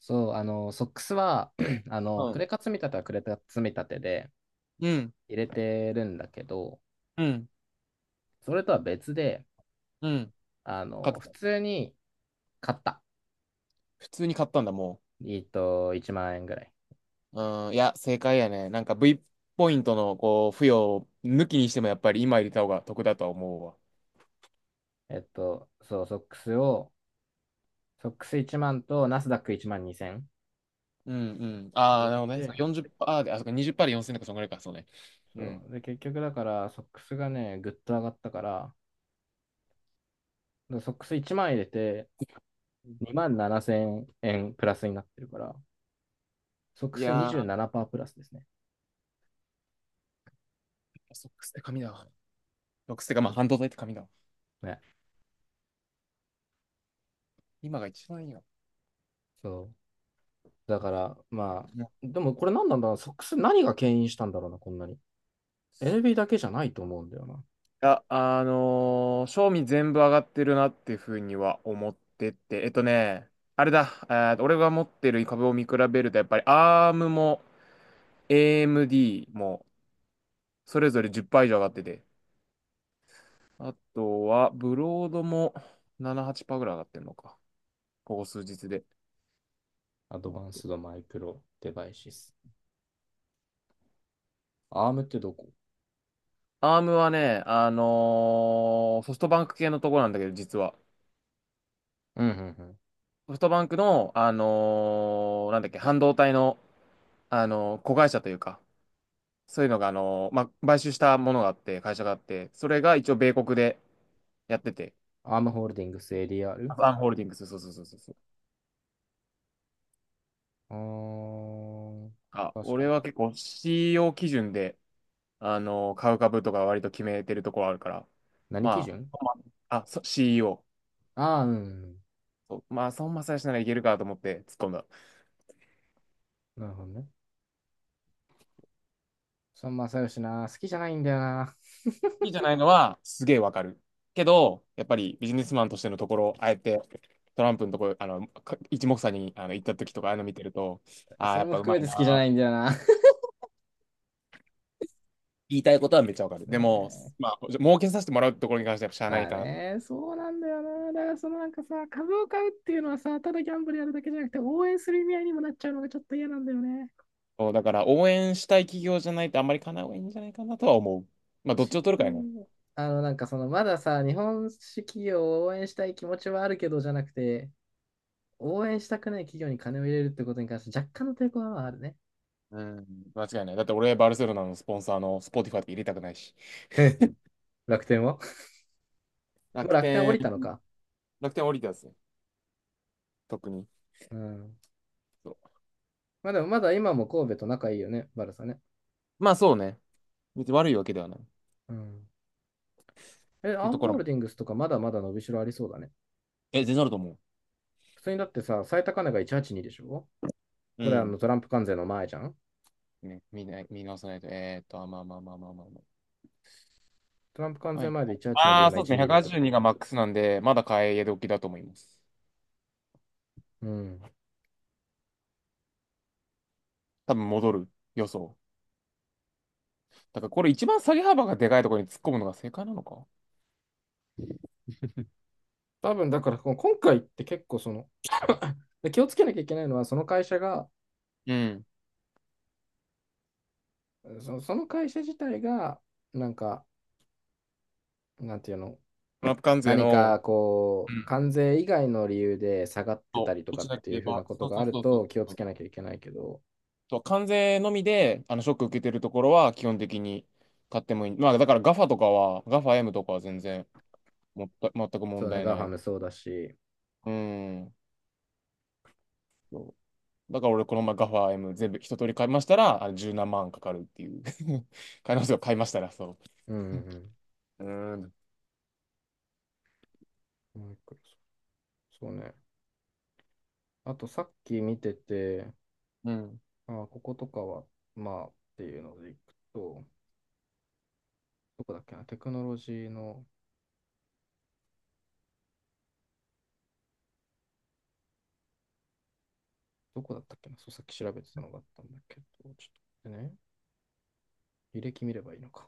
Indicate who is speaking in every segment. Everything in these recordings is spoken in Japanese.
Speaker 1: そう、ソックスは、
Speaker 2: は
Speaker 1: ク
Speaker 2: い。
Speaker 1: レカ積み立てはクレカ積み立てで
Speaker 2: うん。
Speaker 1: 入れてるんだけど、
Speaker 2: うん。
Speaker 1: それとは別で、
Speaker 2: うん。買っ
Speaker 1: 普
Speaker 2: た。
Speaker 1: 通に買った。
Speaker 2: 普通に買ったんだ、も
Speaker 1: 1万円ぐらい。
Speaker 2: う。うん。いや、正解やね。なんか V ポイントの、こう、付与を抜きにしても、やっぱり今入れた方が得だとは思うわ。
Speaker 1: そう、ソックスを、ソックス1万とナスダック1万2千
Speaker 2: うん、うん。
Speaker 1: 入
Speaker 2: ああ、
Speaker 1: れ
Speaker 2: な
Speaker 1: て
Speaker 2: るほどね。そう
Speaker 1: て、
Speaker 2: 40%で、あ、そっか、20%で4000とか、そんぐらいか、そうね。う
Speaker 1: そ
Speaker 2: ん。
Speaker 1: う。で、結局だから、ソックスがね、ぐっと上がったから、でソックス1万入れて、2万7千円プラスになってるから、ソック
Speaker 2: い
Speaker 1: ス
Speaker 2: やー、
Speaker 1: 27%プラスですね。
Speaker 2: ソックスって紙だわ。ソックスってか、まあ、半導体って紙だわ。
Speaker 1: ね。
Speaker 2: 今が一番いいよ。
Speaker 1: そう。だから、まあ、
Speaker 2: ん
Speaker 1: でもこれ何なんだろうな、ソックス何が牽引したんだろうな、こんなに。NB だけじゃないと思うんだよな。
Speaker 2: や、賞味全部上がってるなっていうふうには思ってて、あれだ、俺が持ってる株を見比べると、やっぱり ARM も AMD もそれぞれ10%以上上がってて、あとはブロードも7、8%ぐらい上がってるのか、ここ数日で。
Speaker 1: アド
Speaker 2: あ
Speaker 1: バン
Speaker 2: と
Speaker 1: スドマイクロデバイシス。アームってどこ。
Speaker 2: ARM はね、ソフトバンク系のところなんだけど、実は。
Speaker 1: うんうんうん。
Speaker 2: ソフトバンクの、なんだっけ、半導体の、子会社というか、そういうのが、まあ、買収したものがあって、会社があって、それが一応米国でやってて、
Speaker 1: アームホールディングス
Speaker 2: ア
Speaker 1: ADR？
Speaker 2: ファンホールディングス、そうそうそうそうそう。
Speaker 1: あー、
Speaker 2: あ、
Speaker 1: 確か
Speaker 2: 俺
Speaker 1: に。
Speaker 2: は結構 CEO 基準で、買う株とか割と決めてるところあるから、
Speaker 1: 何基
Speaker 2: ま
Speaker 1: 準。
Speaker 2: CEO。
Speaker 1: ああー、うんうん。
Speaker 2: そうまあ、孫正義ならいけるかと思って突っ込んだ。好
Speaker 1: なるほどね。孫正義な、好きじゃないんだよな。
Speaker 2: きじゃないのはすげえわかる。けど、やっぱりビジネスマンとしてのところ、あえてトランプのところ、一目散に行った時とか、ああいうの見てると、ああ、
Speaker 1: そ
Speaker 2: や
Speaker 1: れ
Speaker 2: っ
Speaker 1: も
Speaker 2: ぱう
Speaker 1: 含
Speaker 2: ま
Speaker 1: め
Speaker 2: い
Speaker 1: て好きじゃ
Speaker 2: な
Speaker 1: ない
Speaker 2: ー
Speaker 1: んだよな。
Speaker 2: 言いたいことはめっちゃわかる。
Speaker 1: ね。
Speaker 2: でも、
Speaker 1: え。
Speaker 2: まあ、儲けさせてもらうところに関してはやっぱしゃあな
Speaker 1: ま
Speaker 2: い
Speaker 1: あ
Speaker 2: かな。
Speaker 1: ね、そうなんだよな。だからなんかさ、株を買うっていうのはさ、ただギャンブルやるだけじゃなくて、応援する意味合いにもなっちゃうのがちょっと嫌なんだよね。
Speaker 2: そうだから応援したい企業じゃないとあんまり叶なうがいいんじゃないかなとは思う。まあ、どっ
Speaker 1: シ
Speaker 2: ち
Speaker 1: ン
Speaker 2: を取る
Speaker 1: プ
Speaker 2: か
Speaker 1: ル
Speaker 2: やね。
Speaker 1: に。なんかまださ、日本式企業を応援したい気持ちはあるけど、じゃなくて、応援したくない企業に金を入れるってことに関して若干の抵抗はあるね。
Speaker 2: うん、間違いない。だって俺、バルセロナのスポンサーのスポティファイって入れたくないし。
Speaker 1: え、楽天は、もう
Speaker 2: 楽
Speaker 1: 楽天降
Speaker 2: 天、
Speaker 1: りたのか。
Speaker 2: 楽天降りたやつね。特に。
Speaker 1: うん。
Speaker 2: そう
Speaker 1: まあでもまだ今も神戸と仲いいよね、バルサね。
Speaker 2: まあそうね。別に悪いわけではない。っ
Speaker 1: うん。え、
Speaker 2: て
Speaker 1: ア
Speaker 2: いう
Speaker 1: ン
Speaker 2: とこ
Speaker 1: ホ
Speaker 2: ろ
Speaker 1: ー
Speaker 2: も。
Speaker 1: ルディングスとかまだまだ伸びしろありそうだね。
Speaker 2: え、全然あると思う。
Speaker 1: 普通にだってさ、最高値が182でしょ。
Speaker 2: う
Speaker 1: これはあ
Speaker 2: ん。
Speaker 1: のトランプ関税の前じゃん。
Speaker 2: ね、見ない見直さないと。えーっと、あまあまあまあまあまあま
Speaker 1: トランプ関
Speaker 2: あ。は
Speaker 1: 税
Speaker 2: い。
Speaker 1: 前で182で
Speaker 2: ああ、
Speaker 1: 今
Speaker 2: そうですね。
Speaker 1: 126だか
Speaker 2: 182
Speaker 1: ら。
Speaker 2: がマックスなんで、まだ買え時だと思います。
Speaker 1: うん。
Speaker 2: 多分戻る予想。だからこれ一番下げ幅がでかいところに突っ込むのが正解なのか。
Speaker 1: 多分だから今回って結構で、気をつけなきゃいけないのはその会社が、
Speaker 2: うん。
Speaker 1: その会社自体が、なんか、なんていうの、
Speaker 2: トランプ関税
Speaker 1: 何
Speaker 2: の、
Speaker 1: か
Speaker 2: う
Speaker 1: こう、
Speaker 2: ん、
Speaker 1: 関税以外の理由で下がって
Speaker 2: そ
Speaker 1: た
Speaker 2: う
Speaker 1: りとか
Speaker 2: 落ち
Speaker 1: っ
Speaker 2: なけ
Speaker 1: てい
Speaker 2: れ
Speaker 1: うふう
Speaker 2: ば、
Speaker 1: なこと
Speaker 2: そう
Speaker 1: が
Speaker 2: そ
Speaker 1: あ
Speaker 2: う
Speaker 1: る
Speaker 2: そうそう
Speaker 1: と気を
Speaker 2: そ
Speaker 1: つ
Speaker 2: う。
Speaker 1: けなきゃいけないけど、
Speaker 2: そう関税のみで、ショック受けてるところは基本的に買ってもいい。まあ、だからガファとかは、ガファ m とかは全然もった、全く問
Speaker 1: そうね、
Speaker 2: 題
Speaker 1: ガ
Speaker 2: な
Speaker 1: ファ
Speaker 2: い。
Speaker 1: ムそうだし、
Speaker 2: うん。そうだから俺、この前ガファエ m 全部一通り買いましたら、あれ十何万かかるっていう。買いますよ、買いましたら、そ
Speaker 1: うんうん
Speaker 2: う。うん。
Speaker 1: うん。もう一個。そうね。あとさっき見てて、
Speaker 2: うん。
Speaker 1: あこことかは、まあっていうのでいくと、どこだっけな、テクノロジーの、どこだったっけな、そう、さっき調べてたのがあったんだけど、ちょっと待ってね、履歴見ればいいのか。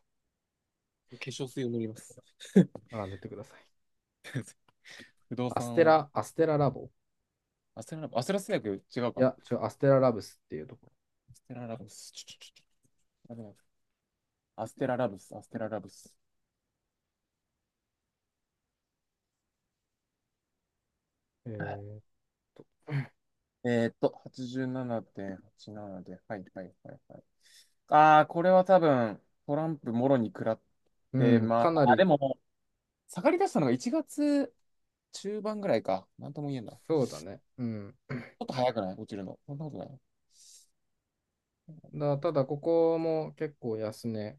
Speaker 2: 化粧水を塗ります。
Speaker 1: ああ、塗ってください。
Speaker 2: 不動
Speaker 1: アス
Speaker 2: 産
Speaker 1: テ
Speaker 2: を。
Speaker 1: ラ、アステララボ。
Speaker 2: アステララブス、アステラス薬違う
Speaker 1: い
Speaker 2: か。
Speaker 1: や、違う、アステララブスっていうとこ
Speaker 2: アステララブス、ちょちょちょちょ、アステララブス、アステララブス。
Speaker 1: ろ。えーっと、
Speaker 2: えーっと、87.87で、はいはいはいはい。ああ、これは多分、トランプもろに食らっ
Speaker 1: う
Speaker 2: て
Speaker 1: ん、
Speaker 2: ま
Speaker 1: かな
Speaker 2: あ、あ
Speaker 1: り、
Speaker 2: でも、下がり出したのが1月中盤ぐらいか。なんとも言えんだ。ち
Speaker 1: そうだね。うん。
Speaker 2: ょっと早くない落ちるの。そんなことない。
Speaker 1: ただ、ここも結構安値、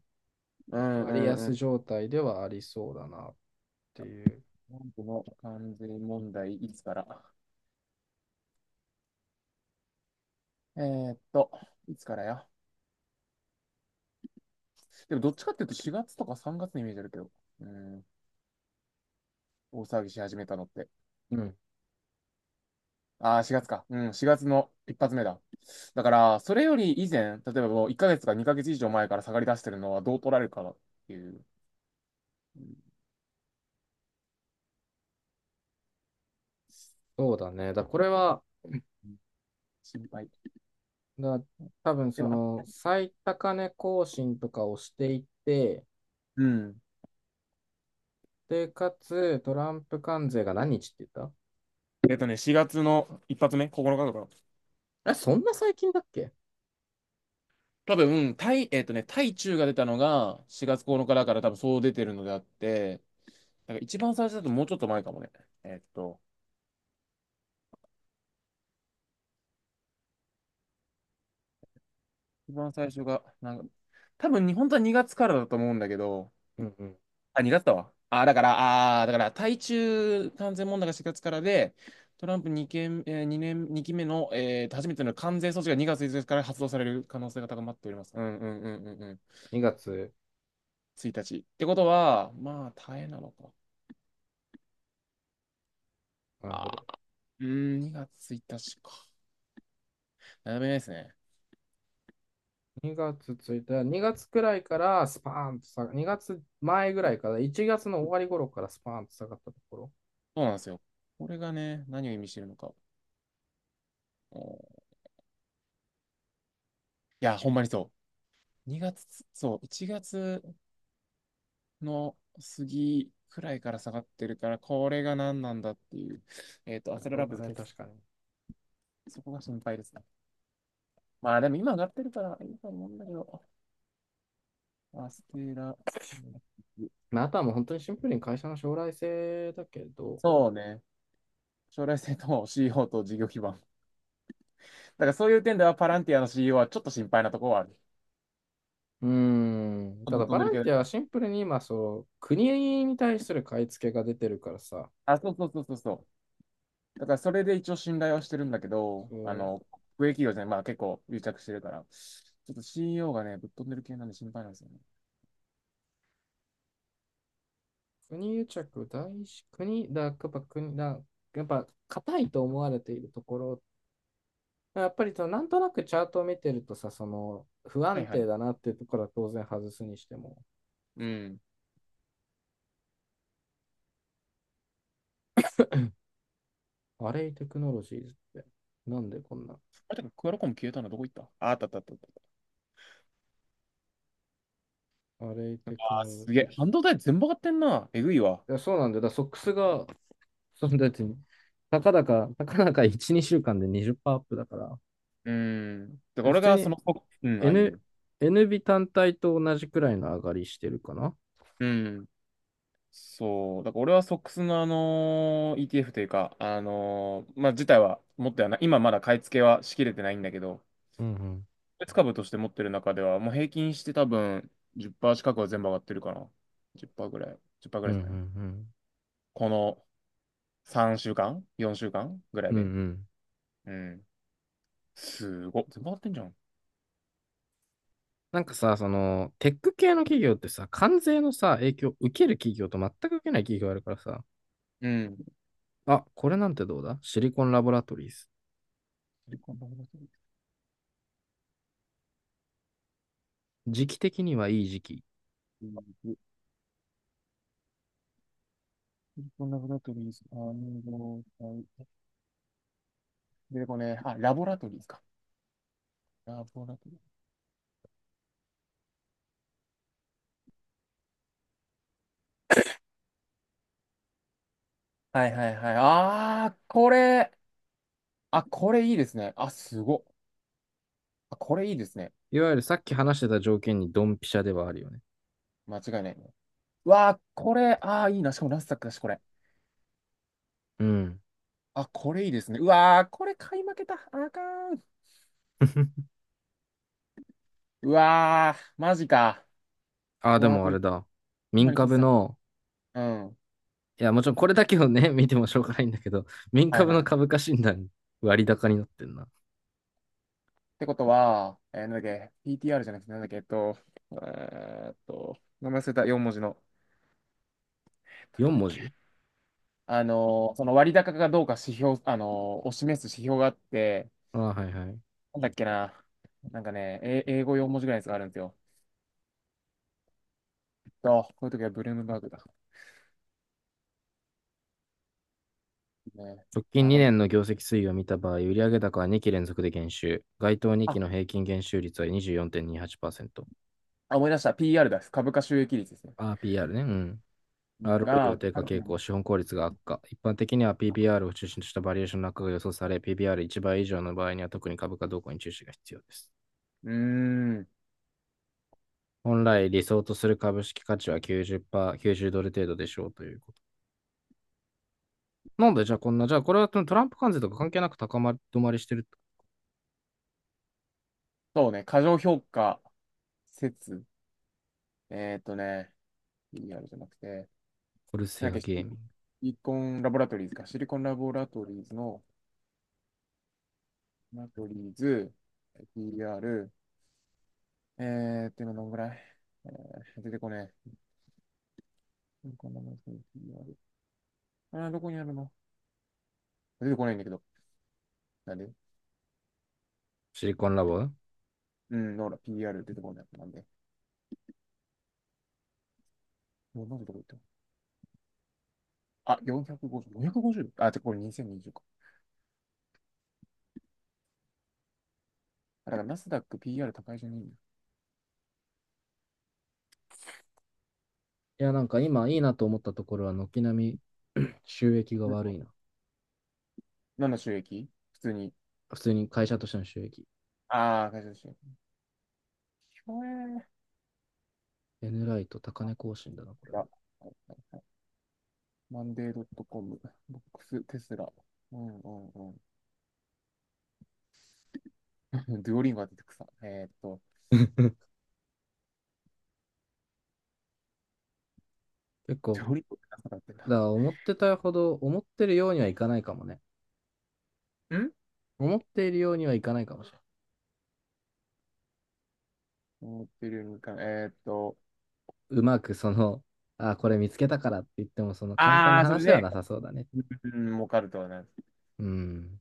Speaker 2: うんう
Speaker 1: 割
Speaker 2: んうん。
Speaker 1: 安
Speaker 2: ト
Speaker 1: 状態ではありそうだなっていう。
Speaker 2: ランプの関税問題、いつからえーっと、いつからや。でも、どっちかっていうと4月とか3月のイメージあるけど。うん、大騒ぎし始めたのって。
Speaker 1: うん、
Speaker 2: ああ、4月か。うん、4月の一発目だ。だから、それより以前、例えばもう1ヶ月か2ヶ月以上前から下がり出してるのはどう取られるかなっていう、うん、
Speaker 1: そうだね。これは、
Speaker 2: 心配。
Speaker 1: だ、多分
Speaker 2: で
Speaker 1: そ
Speaker 2: も、あ、
Speaker 1: の最高値更新とかをしていって、
Speaker 2: うん。
Speaker 1: で、かつ、トランプ関税が何日って言っ
Speaker 2: えっとね、4月の一発目、9日とかな。
Speaker 1: た。あ、そんな最近だっけ。
Speaker 2: 多分、対、えっとね、対中が出たのが4月9日だから多分そう出てるのであって、だから一番最初だともうちょっと前かもね。えっと、一番最初が、なんか、多分に本当は2月からだと思うんだけど、
Speaker 1: うんうん。
Speaker 2: あ、2月だわ。あ、だから、あー、だから、対中関税問題が4月からで、トランプ2件、年、二期目の、初めての関税措置が2月1日かから発動される可能性が高まっております。うんうんうんうんうん。
Speaker 1: 2月、
Speaker 2: 1日。ってことは、まあ、大変なのか。
Speaker 1: なるほ
Speaker 2: あー、
Speaker 1: ど。
Speaker 2: うーん、2月1日か。悩めないですね。
Speaker 1: 2月いた2月くらいからスパーンと下が、2月前ぐらいから、1月の終わり頃からスパーンと下がったところ。
Speaker 2: そうなんですよ。これがね、何を意味してるのか。おー、いや、ほんまにそう。2月、そう、1月、の杉くらいから下がってるから、これが何なんだっていう。えっと、アセラ
Speaker 1: そう
Speaker 2: ラブ
Speaker 1: だ
Speaker 2: ズ
Speaker 1: ね、
Speaker 2: 決す、
Speaker 1: 確かに。
Speaker 2: そこが心配ですね。まあでも今上がってるからいいと思うんだけど、アステラ、
Speaker 1: まあ、あとはもう本当にシンプルに会社の将来性だけど、
Speaker 2: そうね。将来性と CEO と事業基盤。だからそういう点ではパランティアの CEO はちょっと心配なところはある。
Speaker 1: うーん、た
Speaker 2: ぶっ
Speaker 1: だ
Speaker 2: 飛
Speaker 1: ボ
Speaker 2: んで
Speaker 1: ラ
Speaker 2: るけ
Speaker 1: ン
Speaker 2: ど。
Speaker 1: ティアはシンプルに今、そう、国に対する買い付けが出てるからさ、
Speaker 2: あ、そうそうそうそうそう。だからそれで一応信頼はしてるんだけど、
Speaker 1: そう
Speaker 2: 国営企業じゃない、まあ結構癒着してるから、ちょっと CEO がね、ぶっ飛んでる系なんで心配なんですよね。
Speaker 1: 国癒着、大師、国、やっぱ国、やっぱ硬いと思われているところ、やっぱりそのなんとなくチャートを見てるとさ、その不
Speaker 2: は
Speaker 1: 安
Speaker 2: いは
Speaker 1: 定
Speaker 2: い。
Speaker 1: だなっていうところは当然外すにしても、
Speaker 2: うん。
Speaker 1: アレイテクノロジーズって、なんでこんな、
Speaker 2: あれ、てかクアラコム消えたのどこ行った。あ、あったあったあったあった。
Speaker 1: アレイ
Speaker 2: あー、
Speaker 1: テクノロ
Speaker 2: す
Speaker 1: ジ
Speaker 2: げ
Speaker 1: ー
Speaker 2: え。
Speaker 1: ズ。
Speaker 2: 半導体全部上がってんな。えぐいわ。
Speaker 1: いや、そうなんだよ。ソックスが、そんだって、たかだか1、2週間で20%アップだから、
Speaker 2: うーん。だから
Speaker 1: 普
Speaker 2: 俺
Speaker 1: 通
Speaker 2: がそ
Speaker 1: に
Speaker 2: の、うん、ああい
Speaker 1: N、
Speaker 2: う。
Speaker 1: NB 単体と同じくらいの上がりしてるかな。
Speaker 2: うん。そう。だから俺はソックスのETF というか、まあ、自体は持ってはない。今まだ買い付けはしきれてないんだけど、
Speaker 1: うんうん。
Speaker 2: 別株として持ってる中では、もう平均して多分10%近くは全部上がってるかな。10%ぐらい。10%ぐ
Speaker 1: う
Speaker 2: ら
Speaker 1: んう
Speaker 2: い
Speaker 1: ん
Speaker 2: です
Speaker 1: う
Speaker 2: かね。
Speaker 1: ん。
Speaker 2: この3週間 ?4 週間ぐら
Speaker 1: う
Speaker 2: い
Speaker 1: んう
Speaker 2: で。
Speaker 1: ん、
Speaker 2: うん。すごっ。全部上がってんじゃん。
Speaker 1: なんかさ、その、テック系の企業ってさ、関税のさ、影響を受ける企業と全く受けない企業があるからさ、
Speaker 2: うん。
Speaker 1: あ、これなんてどう、だシリコンラボラトリーズ。
Speaker 2: シリコンダブラトリーズ。
Speaker 1: 時期的にはいい時期。
Speaker 2: シリコンダブラトリーズ。すか体。出てこねえ。あ、ラボラトリーズか。ラボラトリーズ。はいはいはい。あー、これ。あ、これいいですね。あ、すごっ。あ、これいいですね。
Speaker 1: いわゆるさっき話してた条件にドンピシャではあるよね。
Speaker 2: 間違いないね。うわー、これ。あー、いいな。しかもラスタックだし、これ。
Speaker 1: うん。
Speaker 2: あ、これいいですね。うわー、これ買い負けた。あかん。うわー、マジか。
Speaker 1: あ、
Speaker 2: う
Speaker 1: で
Speaker 2: わー、
Speaker 1: も
Speaker 2: こ
Speaker 1: あ
Speaker 2: れ、
Speaker 1: れだ。
Speaker 2: ほんま
Speaker 1: 民
Speaker 2: に気づいて
Speaker 1: 株
Speaker 2: た。
Speaker 1: の、
Speaker 2: うん。
Speaker 1: いや、もちろんこれだけをね、見てもしょうがないんだけど、民
Speaker 2: はい
Speaker 1: 株
Speaker 2: はい
Speaker 1: の
Speaker 2: はい。
Speaker 1: 株価診断、割高になってんな。
Speaker 2: ってことは、えーなんだっけ、PTR じゃなくて、なんだっけ、えっと、えーっと、名前忘れた、4文字の。えっとなん
Speaker 1: 4
Speaker 2: だっ
Speaker 1: 文
Speaker 2: け、
Speaker 1: 字。
Speaker 2: その割高かどうか指標、を示す指標があって、
Speaker 1: あ、はいはい。
Speaker 2: なんだっけな、なんかね、え英語4文字ぐらいのやつがあるんですよ。と、こういう時はブルームバーグだ。ね、
Speaker 1: 直近
Speaker 2: あ、これ、
Speaker 1: 2年の業績推移を見た場合、売上高は2期連続で減収。該当2
Speaker 2: あ、
Speaker 1: 期の平均減収率は24.28%。
Speaker 2: あ思い出した。PR です。株価収益率ですね。
Speaker 1: RPR ね。うん。
Speaker 2: うん、
Speaker 1: ROE
Speaker 2: が、
Speaker 1: は
Speaker 2: う
Speaker 1: 低下傾向、資本効率が悪化。一般的には PBR を中心としたバリエーションの悪化が予想され、PBR1 倍以上の場合には特に株価動向に注視が必要です。
Speaker 2: ーん、
Speaker 1: 本来理想とする株式価値は90%、90ドル程度でしょうということ。なんでじゃあこんな、じゃあこれはトランプ関税とか関係なく高まり止まりしてる。
Speaker 2: そうね、過剰評価説。ね、PR じゃなくて、
Speaker 1: コル
Speaker 2: な
Speaker 1: セ
Speaker 2: ん
Speaker 1: ア
Speaker 2: だっけ、シ
Speaker 1: ゲーミング。
Speaker 2: リコンラボラトリーズか、シリコンラボラトリーズの、ラボラトリーズ、PR、えーっと、今どんぐらい、えー出てこねえ。シリコンラボラトリーズ PR あー、どこにあるの。出てこないんだけど。なんで、
Speaker 1: シリコンラボ。
Speaker 2: うん、ほら、PR 出てこない。なんでもうなんでどこ行ったの。あ、450、450? あ、てかこれ2020か。あだから、ナスダック PR 高いじゃねえんだよ。
Speaker 1: いや、なんか今いいなと思ったところは、軒並み収益が
Speaker 2: うん、
Speaker 1: 悪いな。
Speaker 2: 何の収益。普通に。
Speaker 1: 普通に会社としての収益。
Speaker 2: ああ、会社収益。ひょえー。
Speaker 1: N ライト高値更新だな、これ
Speaker 2: あ、
Speaker 1: も。
Speaker 2: はい、マンデー .com、ボックス、テスラ。うんうんうん。デュオリンゴが出てくさ。えーっと、
Speaker 1: 結
Speaker 2: デ
Speaker 1: 構、
Speaker 2: ュオリンゴって何だってん
Speaker 1: だか
Speaker 2: だ。
Speaker 1: ら思ってたほど、思ってるようにはいかないかもね。
Speaker 2: ん、
Speaker 1: 思っているようにはいかないかもしれない。
Speaker 2: 思ってるよりもいかない。えーっと、
Speaker 1: うまくあ、これ見つけたからって言っても、その簡単な
Speaker 2: あー、それ
Speaker 1: 話では
Speaker 2: で、
Speaker 1: なさそうだね。
Speaker 2: うん、儲かるとはな。
Speaker 1: うん。